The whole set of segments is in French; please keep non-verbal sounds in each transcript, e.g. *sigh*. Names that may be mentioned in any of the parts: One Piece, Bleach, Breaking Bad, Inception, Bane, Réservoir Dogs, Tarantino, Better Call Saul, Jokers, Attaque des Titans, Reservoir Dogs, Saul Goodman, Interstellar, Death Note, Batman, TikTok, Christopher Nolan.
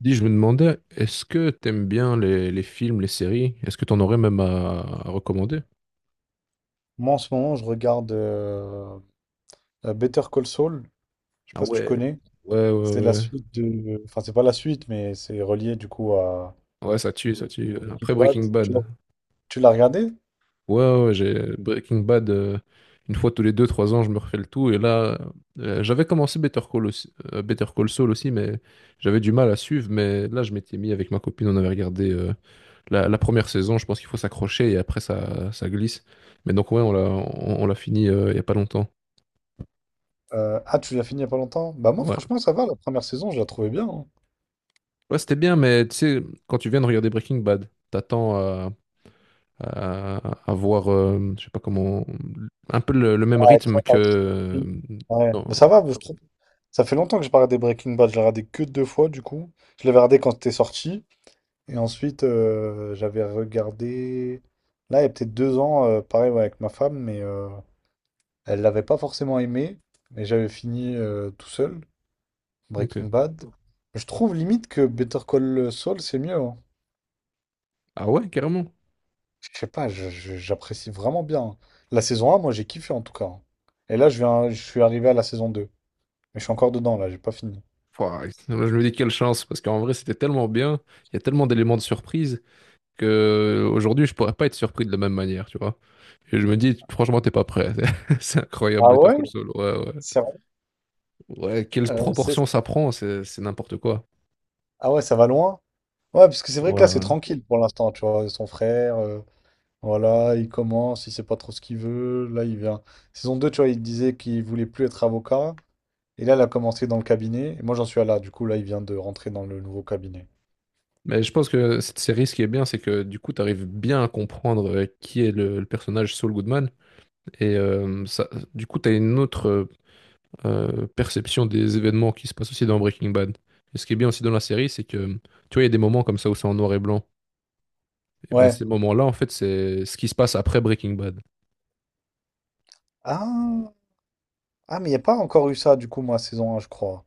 Dis, je me demandais, est-ce que t'aimes bien les films, les séries? Est-ce que t'en aurais même à recommander? Moi, en ce moment, je regarde Better Call Saul. Je sais Ah pas si tu ouais. connais. Ouais, ouais, C'est la ouais. suite de... Enfin, c'est pas la suite, mais c'est relié du coup à Ouais, ça tue, ça tue. Breaking Après Bad. Breaking Tu l'as Bad. tu l'as regardé? Ouais, ouais, ouais, j'ai Breaking Bad, une fois tous les 2, 3 ans, je me refais le tout. Et là, j'avais commencé Better Call Saul aussi, mais j'avais du mal à suivre. Mais là, je m'étais mis avec ma copine, on avait regardé la première saison. Je pense qu'il faut s'accrocher et après, ça glisse. Mais donc, ouais, on l'a fini il y a pas longtemps. Tu l'as fini il y a pas longtemps? Bah moi, Ouais. franchement, ça va. La première saison, je la trouvais bien, hein. Ouais, c'était bien, mais tu sais, quand tu viens de regarder Breaking Bad, t'attends à, à voir, je sais pas comment, un peu le Ouais, même rythme que... avec- ouais. Non, Mais ça va, je trouve. Ça fait longtemps que j'ai pas regardé Breaking Bad. Je l'ai regardé que deux fois, du coup. Je l'avais regardé quand c'était sorti. Et ensuite, j'avais regardé... Là, il y a peut-être 2 ans, pareil, ouais, avec ma femme, mais, elle l'avait pas forcément aimé, mais j'avais fini, tout seul, ok. Breaking Bad. Je trouve limite que Better Call Saul, c'est mieux, hein. Ah ouais, carrément. Je sais pas, j'apprécie vraiment bien, hein. La saison 1, moi j'ai kiffé en tout cas, hein. Et là, je viens, je suis arrivé à la saison 2. Mais je suis encore dedans, là, j'ai pas fini. Pouah, je me dis quelle chance, parce qu'en vrai, c'était tellement bien, il y a tellement d'éléments de surprise que aujourd'hui, je pourrais pas être surpris de la même manière, tu vois. Et je me dis, franchement, t'es pas prêt. *laughs* C'est incroyable, Ah Better ouais? Call Saul. Ouais, ouais. C'est vrai. Ouais, quelle Euh, c'est- proportion ça prend, c'est n'importe quoi. Ah ouais, ça va loin? Ouais, parce que c'est vrai que là, Ouais, c'est tranquille pour l'instant, tu vois. Son frère, voilà, il commence, il sait pas trop ce qu'il veut. Là, il vient. Saison 2, tu vois, il disait qu'il voulait plus être avocat. Et là, elle a commencé dans le cabinet. Et moi, j'en suis à là. Du coup, là, il vient de rentrer dans le nouveau cabinet. mais je pense que cette série, ce qui est bien, c'est que du coup, tu arrives bien à comprendre qui est le personnage Saul Goodman. Et ça, du coup, tu as une autre perception des événements qui se passent aussi dans Breaking Bad. Et ce qui est bien aussi dans la série, c'est que tu vois, il y a des moments comme ça où c'est en noir et blanc. Et ben Ouais. ces moments-là, en fait, c'est ce qui se passe après Breaking Bad. Ah, ah mais il n'y a pas encore eu ça, du coup, moi, saison un, je crois.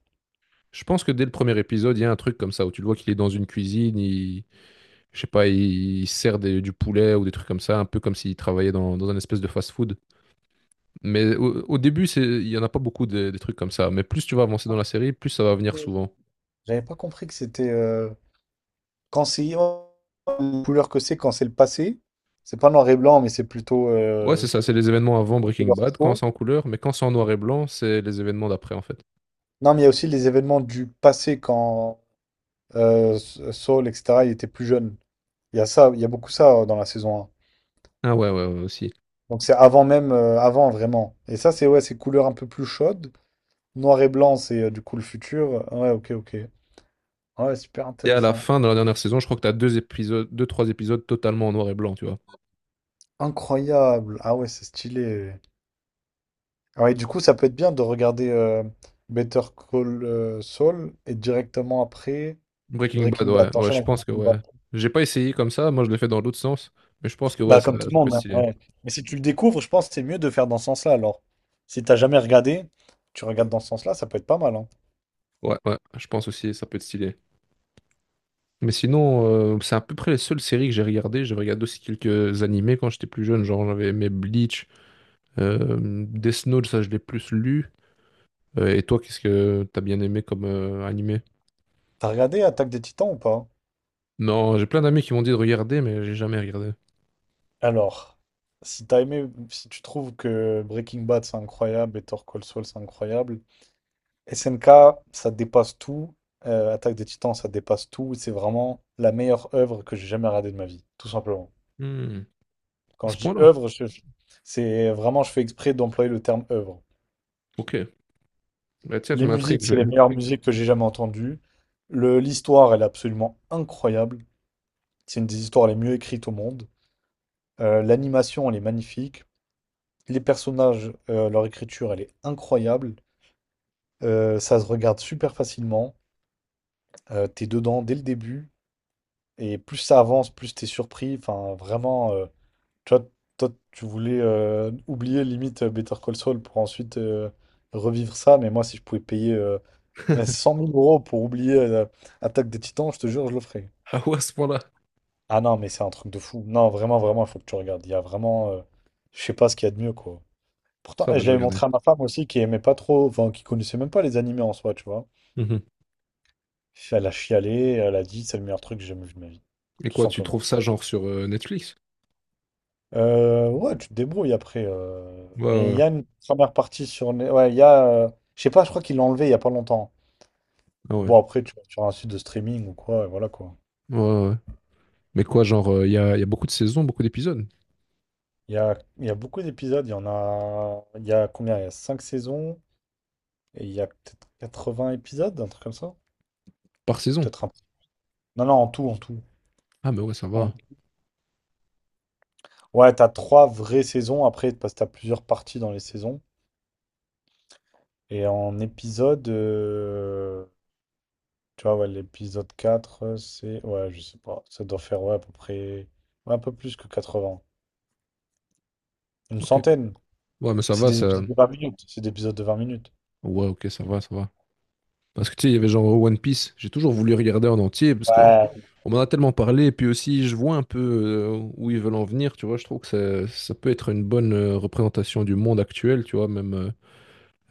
Je pense que dès le premier épisode, il y a un truc comme ça où tu le vois qu'il est dans une cuisine, il, je sais pas, il sert du poulet ou des trucs comme ça, un peu comme s'il travaillait dans un espèce de fast-food. Mais au début, c'est, il y en a pas beaucoup des trucs comme ça. Mais plus tu vas avancer Ah, dans la série, plus ça va venir ok. souvent. J'avais pas compris que c'était, quand c'est, oh, la couleur que c'est quand c'est le passé. C'est pas noir et blanc, mais c'est plutôt, Ouais, c'est ça, c'est les événements avant Breaking couleur Bad, quand faux. c'est en couleur, mais quand c'est en noir et blanc, c'est les événements d'après, en fait. Non, mais il y a aussi les événements du passé quand, Saul, etc., il était plus jeune. Il y a ça, il y a beaucoup ça, dans la saison un. Ah ouais, ouais, ouais, aussi. Donc c'est avant même, avant vraiment. Et ça, c'est ouais, c'est couleur un peu plus chaude. Noir et blanc, c'est, du coup le futur. Ouais, ok, ok. Ouais, super Et à la intéressant. fin, dans la dernière saison, je crois que t'as deux épisodes, deux, trois épisodes totalement en noir et blanc, tu vois. Incroyable. Ah ouais, c'est stylé. Ah ouais, du coup, ça peut être bien de regarder, Better Call, Saul et directement après Breaking Bad, Breaking Bad. ouais, ouais, T'enchaînes je avec pense que Breaking ouais. Bad. J'ai pas essayé comme ça, moi je l'ai fait dans l'autre sens, mais je pense que ouais, Bah, ça, comme tout le ça peut être monde, hein, stylé. ouais. Mais si tu le découvres, je pense que c'est mieux de faire dans ce sens-là alors. Si t'as jamais regardé, tu regardes dans ce sens-là, ça peut être pas mal, hein. Ouais, ouais, je pense aussi, ça peut être stylé. Mais sinon, c'est à peu près les seules séries que j'ai regardées. J'ai regardé aussi quelques animés quand j'étais plus jeune. Genre, j'avais aimé Bleach, euh, Death Note, ça je l'ai plus lu. Et toi, qu'est-ce que t'as bien aimé comme animé? T'as regardé Attaque des Titans ou pas? Non, j'ai plein d'amis qui m'ont dit de regarder, mais j'ai jamais regardé. Alors, si t'as aimé, si tu trouves que Breaking Bad c'est incroyable, Better Call Saul c'est incroyable, SNK, ça dépasse tout. Attaque des Titans, ça dépasse tout. C'est vraiment la meilleure œuvre que j'ai jamais regardée de ma vie, tout simplement. Hmm, à Quand ce je dis point-là? œuvre, c'est vraiment, je fais exprès d'employer le terme œuvre. Ok. Bah, tiens, tu Les m'intrigues. musiques, c'est les meilleures *laughs* musiques que j'ai jamais entendues. L'histoire, elle est absolument incroyable. C'est une des histoires les mieux écrites au monde. L'animation, elle est magnifique. Les personnages, leur écriture, elle est incroyable. Ça se regarde super facilement. T'es dedans dès le début. Et plus ça avance, plus t'es surpris. Enfin, vraiment, tu vois, toi, tu voulais, oublier limite, Better Call Saul pour ensuite, revivre ça. Mais moi, si je pouvais payer, mais 100 000 euros pour oublier, Attaque des Titans, je te jure, je le ferais. Ah ouais, à ce point-là. Ah non, mais c'est un truc de fou. Non, vraiment, vraiment, il faut que tu regardes. Il y a vraiment, je sais pas ce qu'il y a de mieux, quoi. Pourtant, Ça et va, je je l'avais vais regarder. montré à ma femme aussi, qui aimait pas trop, enfin, qui connaissait même pas les animés en soi, tu vois. Mhm. Elle a chialé, elle a dit, c'est le meilleur truc que j'ai jamais vu de ma vie, Et tout quoi, tu simplement. trouves ça genre sur Netflix? Ouais, tu te débrouilles après. Ouais, Mais il ouais. y a une première partie sur... Ouais, il y a... Je sais pas, je crois qu'ils l'ont enlevé il y a pas longtemps. Ah ouais. Bon, après, tu vas sur un site de streaming ou quoi, et voilà quoi. Ouais, ouais. Mais quoi, genre, y a beaucoup de saisons, beaucoup d'épisodes? Il y a beaucoup d'épisodes, il y en a... Il y a combien? Il y a 5 saisons, et il y a peut-être 80 épisodes, un truc comme ça? Par saison? Peut-être un... Non, non, en tout, en tout. Ah, mais ouais, ça En- va. Ouais, t'as trois vraies saisons, après, parce que t'as plusieurs parties dans les saisons. Et en épisode... Tu vois, ouais, l'épisode 4 c'est. Ouais, je sais pas. Ça doit faire, ouais, à peu près. Ouais, un peu plus que 80. Une Ok. centaine. Ouais, mais ça C'est va, des ça. épisodes de 20 minutes. C'est des épisodes de 20 minutes. Ouais, ok, ça va, ça va. Parce que tu sais, il y avait genre One Piece, j'ai toujours voulu regarder en entier parce que Ouais. on m'en a tellement parlé, et puis aussi je vois un peu où ils veulent en venir, tu vois, je trouve que ça peut être une bonne représentation du monde actuel, tu vois, même euh,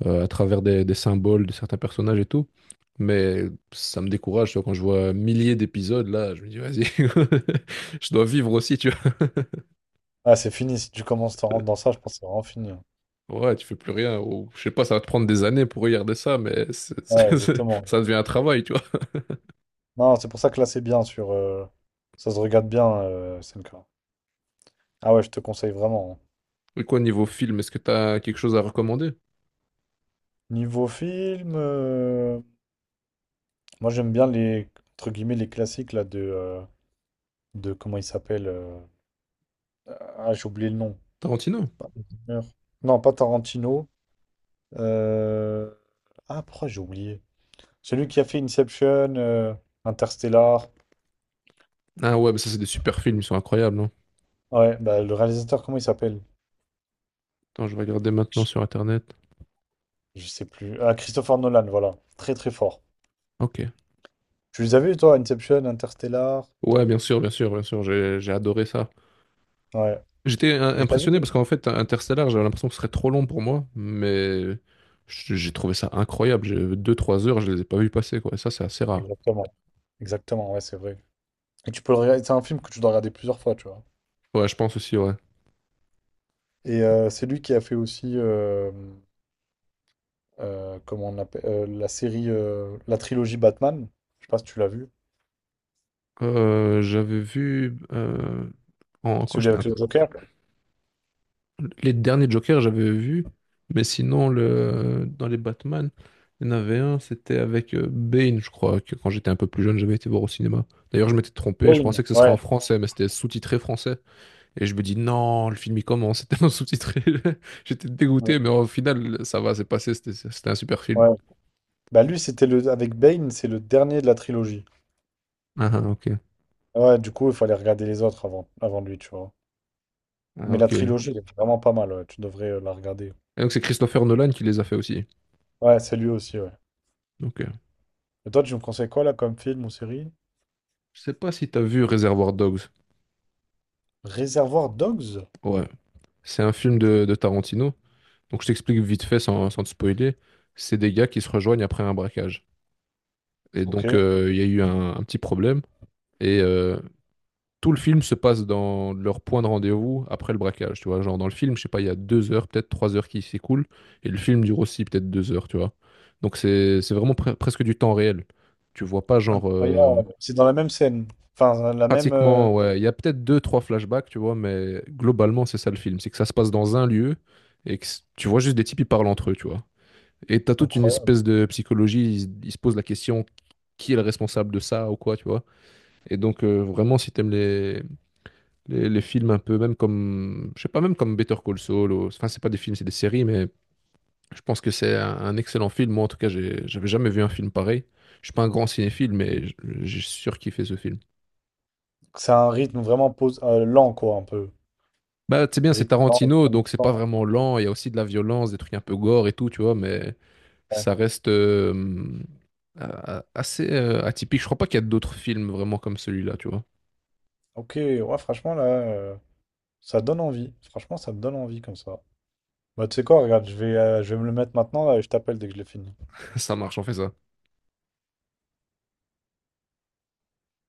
euh, à travers des symboles de certains personnages et tout. Mais ça me décourage, tu vois, quand je vois milliers d'épisodes, là, je me dis, vas-y, *laughs* je dois vivre aussi, tu vois. Ah, c'est fini. Si tu commences à rentrer dans ça, je pense que c'est vraiment fini, hein. Ouais, tu fais plus rien, ou je sais pas, ça va te prendre des années pour regarder ça, mais Ouais, *laughs* exactement. ça devient un travail, tu vois. Non, c'est pour ça que là, c'est bien sur, ça se regarde bien, SNK. Ah ouais, je te conseille vraiment, hein. Et quoi, niveau film, est-ce que t'as quelque chose à recommander? Niveau film, moi, j'aime bien les. Entre guillemets, les classiques, là, de, de. Comment il s'appelle, ah, j'ai oublié le nom. Tarantino? Non, pas Tarantino. Euh, Ah, pourquoi j'ai oublié? Celui qui a fait Inception, Interstellar. Ah ouais, mais ça, c'est des super films, ils sont incroyables, non? Ouais, bah, le réalisateur, comment il s'appelle? Attends, je vais regarder maintenant Je sur Internet. je sais plus. Ah, Christopher Nolan, voilà. Très très fort. Ok. Tu les as vus, toi, Inception, Interstellar? Ouais, bien sûr, bien sûr, bien sûr, j'ai adoré ça. Ouais. J'étais Et t'as vu? impressionné parce qu'en fait, Interstellar, j'avais l'impression que ce serait trop long pour moi, mais j'ai trouvé ça incroyable. J'ai deux trois heures, je les ai pas vus passer, quoi. Et ça, c'est assez rare. Exactement. Exactement, ouais, c'est vrai. Et tu peux le regarder. C'est un film que tu dois regarder plusieurs fois, tu vois. Ouais, je pense aussi, ouais. Et c'est lui qui a fait aussi, comment on appelle, la série, la trilogie Batman. Je sais pas si tu l'as vu. J'avais vu, quand Celui j'étais un. avec le Joker. Les derniers Jokers, j'avais vu, mais sinon, dans les Batman, il y en avait un, c'était avec Bane, je crois, que quand j'étais un peu plus jeune, j'avais été voir au cinéma. D'ailleurs, je m'étais trompé, je pensais Bane. que ce serait Ouais. en français, mais c'était sous-titré français. Et je me dis, non, le film, il commence, *laughs* c'était en sous-titré. *laughs* J'étais dégoûté, mais au final, ça va, c'est passé, c'était un super film. Ouais. Bah lui, c'était le avec Bane, c'est le dernier de la trilogie. Ah, ah, ok. Ouais, du coup, il fallait regarder les autres avant, lui, tu vois. Ah, Mais la ok. Et trilogie, elle est vraiment pas mal, ouais. Tu devrais, la regarder. donc, c'est Christopher Nolan qui les a fait aussi. Ouais, c'est lui aussi, ouais. Donc, Et toi, tu me conseilles quoi, là, comme film ou série? je sais pas si t'as vu Reservoir Dogs. Réservoir Dogs? Ouais. C'est un film de Tarantino. Donc je t'explique vite fait sans te spoiler. C'est des gars qui se rejoignent après un braquage. Et Ok. donc il y a eu un petit problème. Et tout le film se passe dans leur point de rendez-vous après le braquage. Tu vois, genre dans le film, je sais pas, il y a 2 heures, peut-être 3 heures qui s'écoulent. Et le film dure aussi peut-être 2 heures, tu vois. Donc c'est vraiment presque du temps réel. Tu vois pas genre Incroyable. C'est dans la même scène. Enfin, la même... pratiquement, ouais, il y a peut-être deux, trois flashbacks, tu vois, mais globalement c'est ça le film. C'est que ça se passe dans un lieu et que tu vois juste des types qui parlent entre eux, tu vois. Et t'as toute une incroyable. espèce de psychologie, ils se posent la question qui est le responsable de ça ou quoi, tu vois. Et donc vraiment, si t'aimes les films un peu, même comme, je sais pas, même comme Better Call Saul, enfin c'est pas des films, c'est des séries, mais je pense que c'est un excellent film. Moi en tout cas, j'avais jamais vu un film pareil. Je suis pas un grand cinéphile, mais j'ai surkiffé ce film. C'est un rythme vraiment pose... lent, quoi, un peu. Bah c'est bien, c'est Rythme lent, Tarantino, rythme donc c'est pas fort. vraiment lent. Il y a aussi de la violence, des trucs un peu gore et tout, tu vois, mais Ouais. ça reste, assez atypique. Je crois pas qu'il y a d'autres films vraiment comme celui-là, tu vois. Ok, ouais, franchement, là, ça donne envie. Franchement, ça me donne envie, comme ça. Bah, tu sais quoi, regarde, je vais me le mettre maintenant là, et je t'appelle dès que je l'ai fini. *laughs* Ça marche, on fait ça.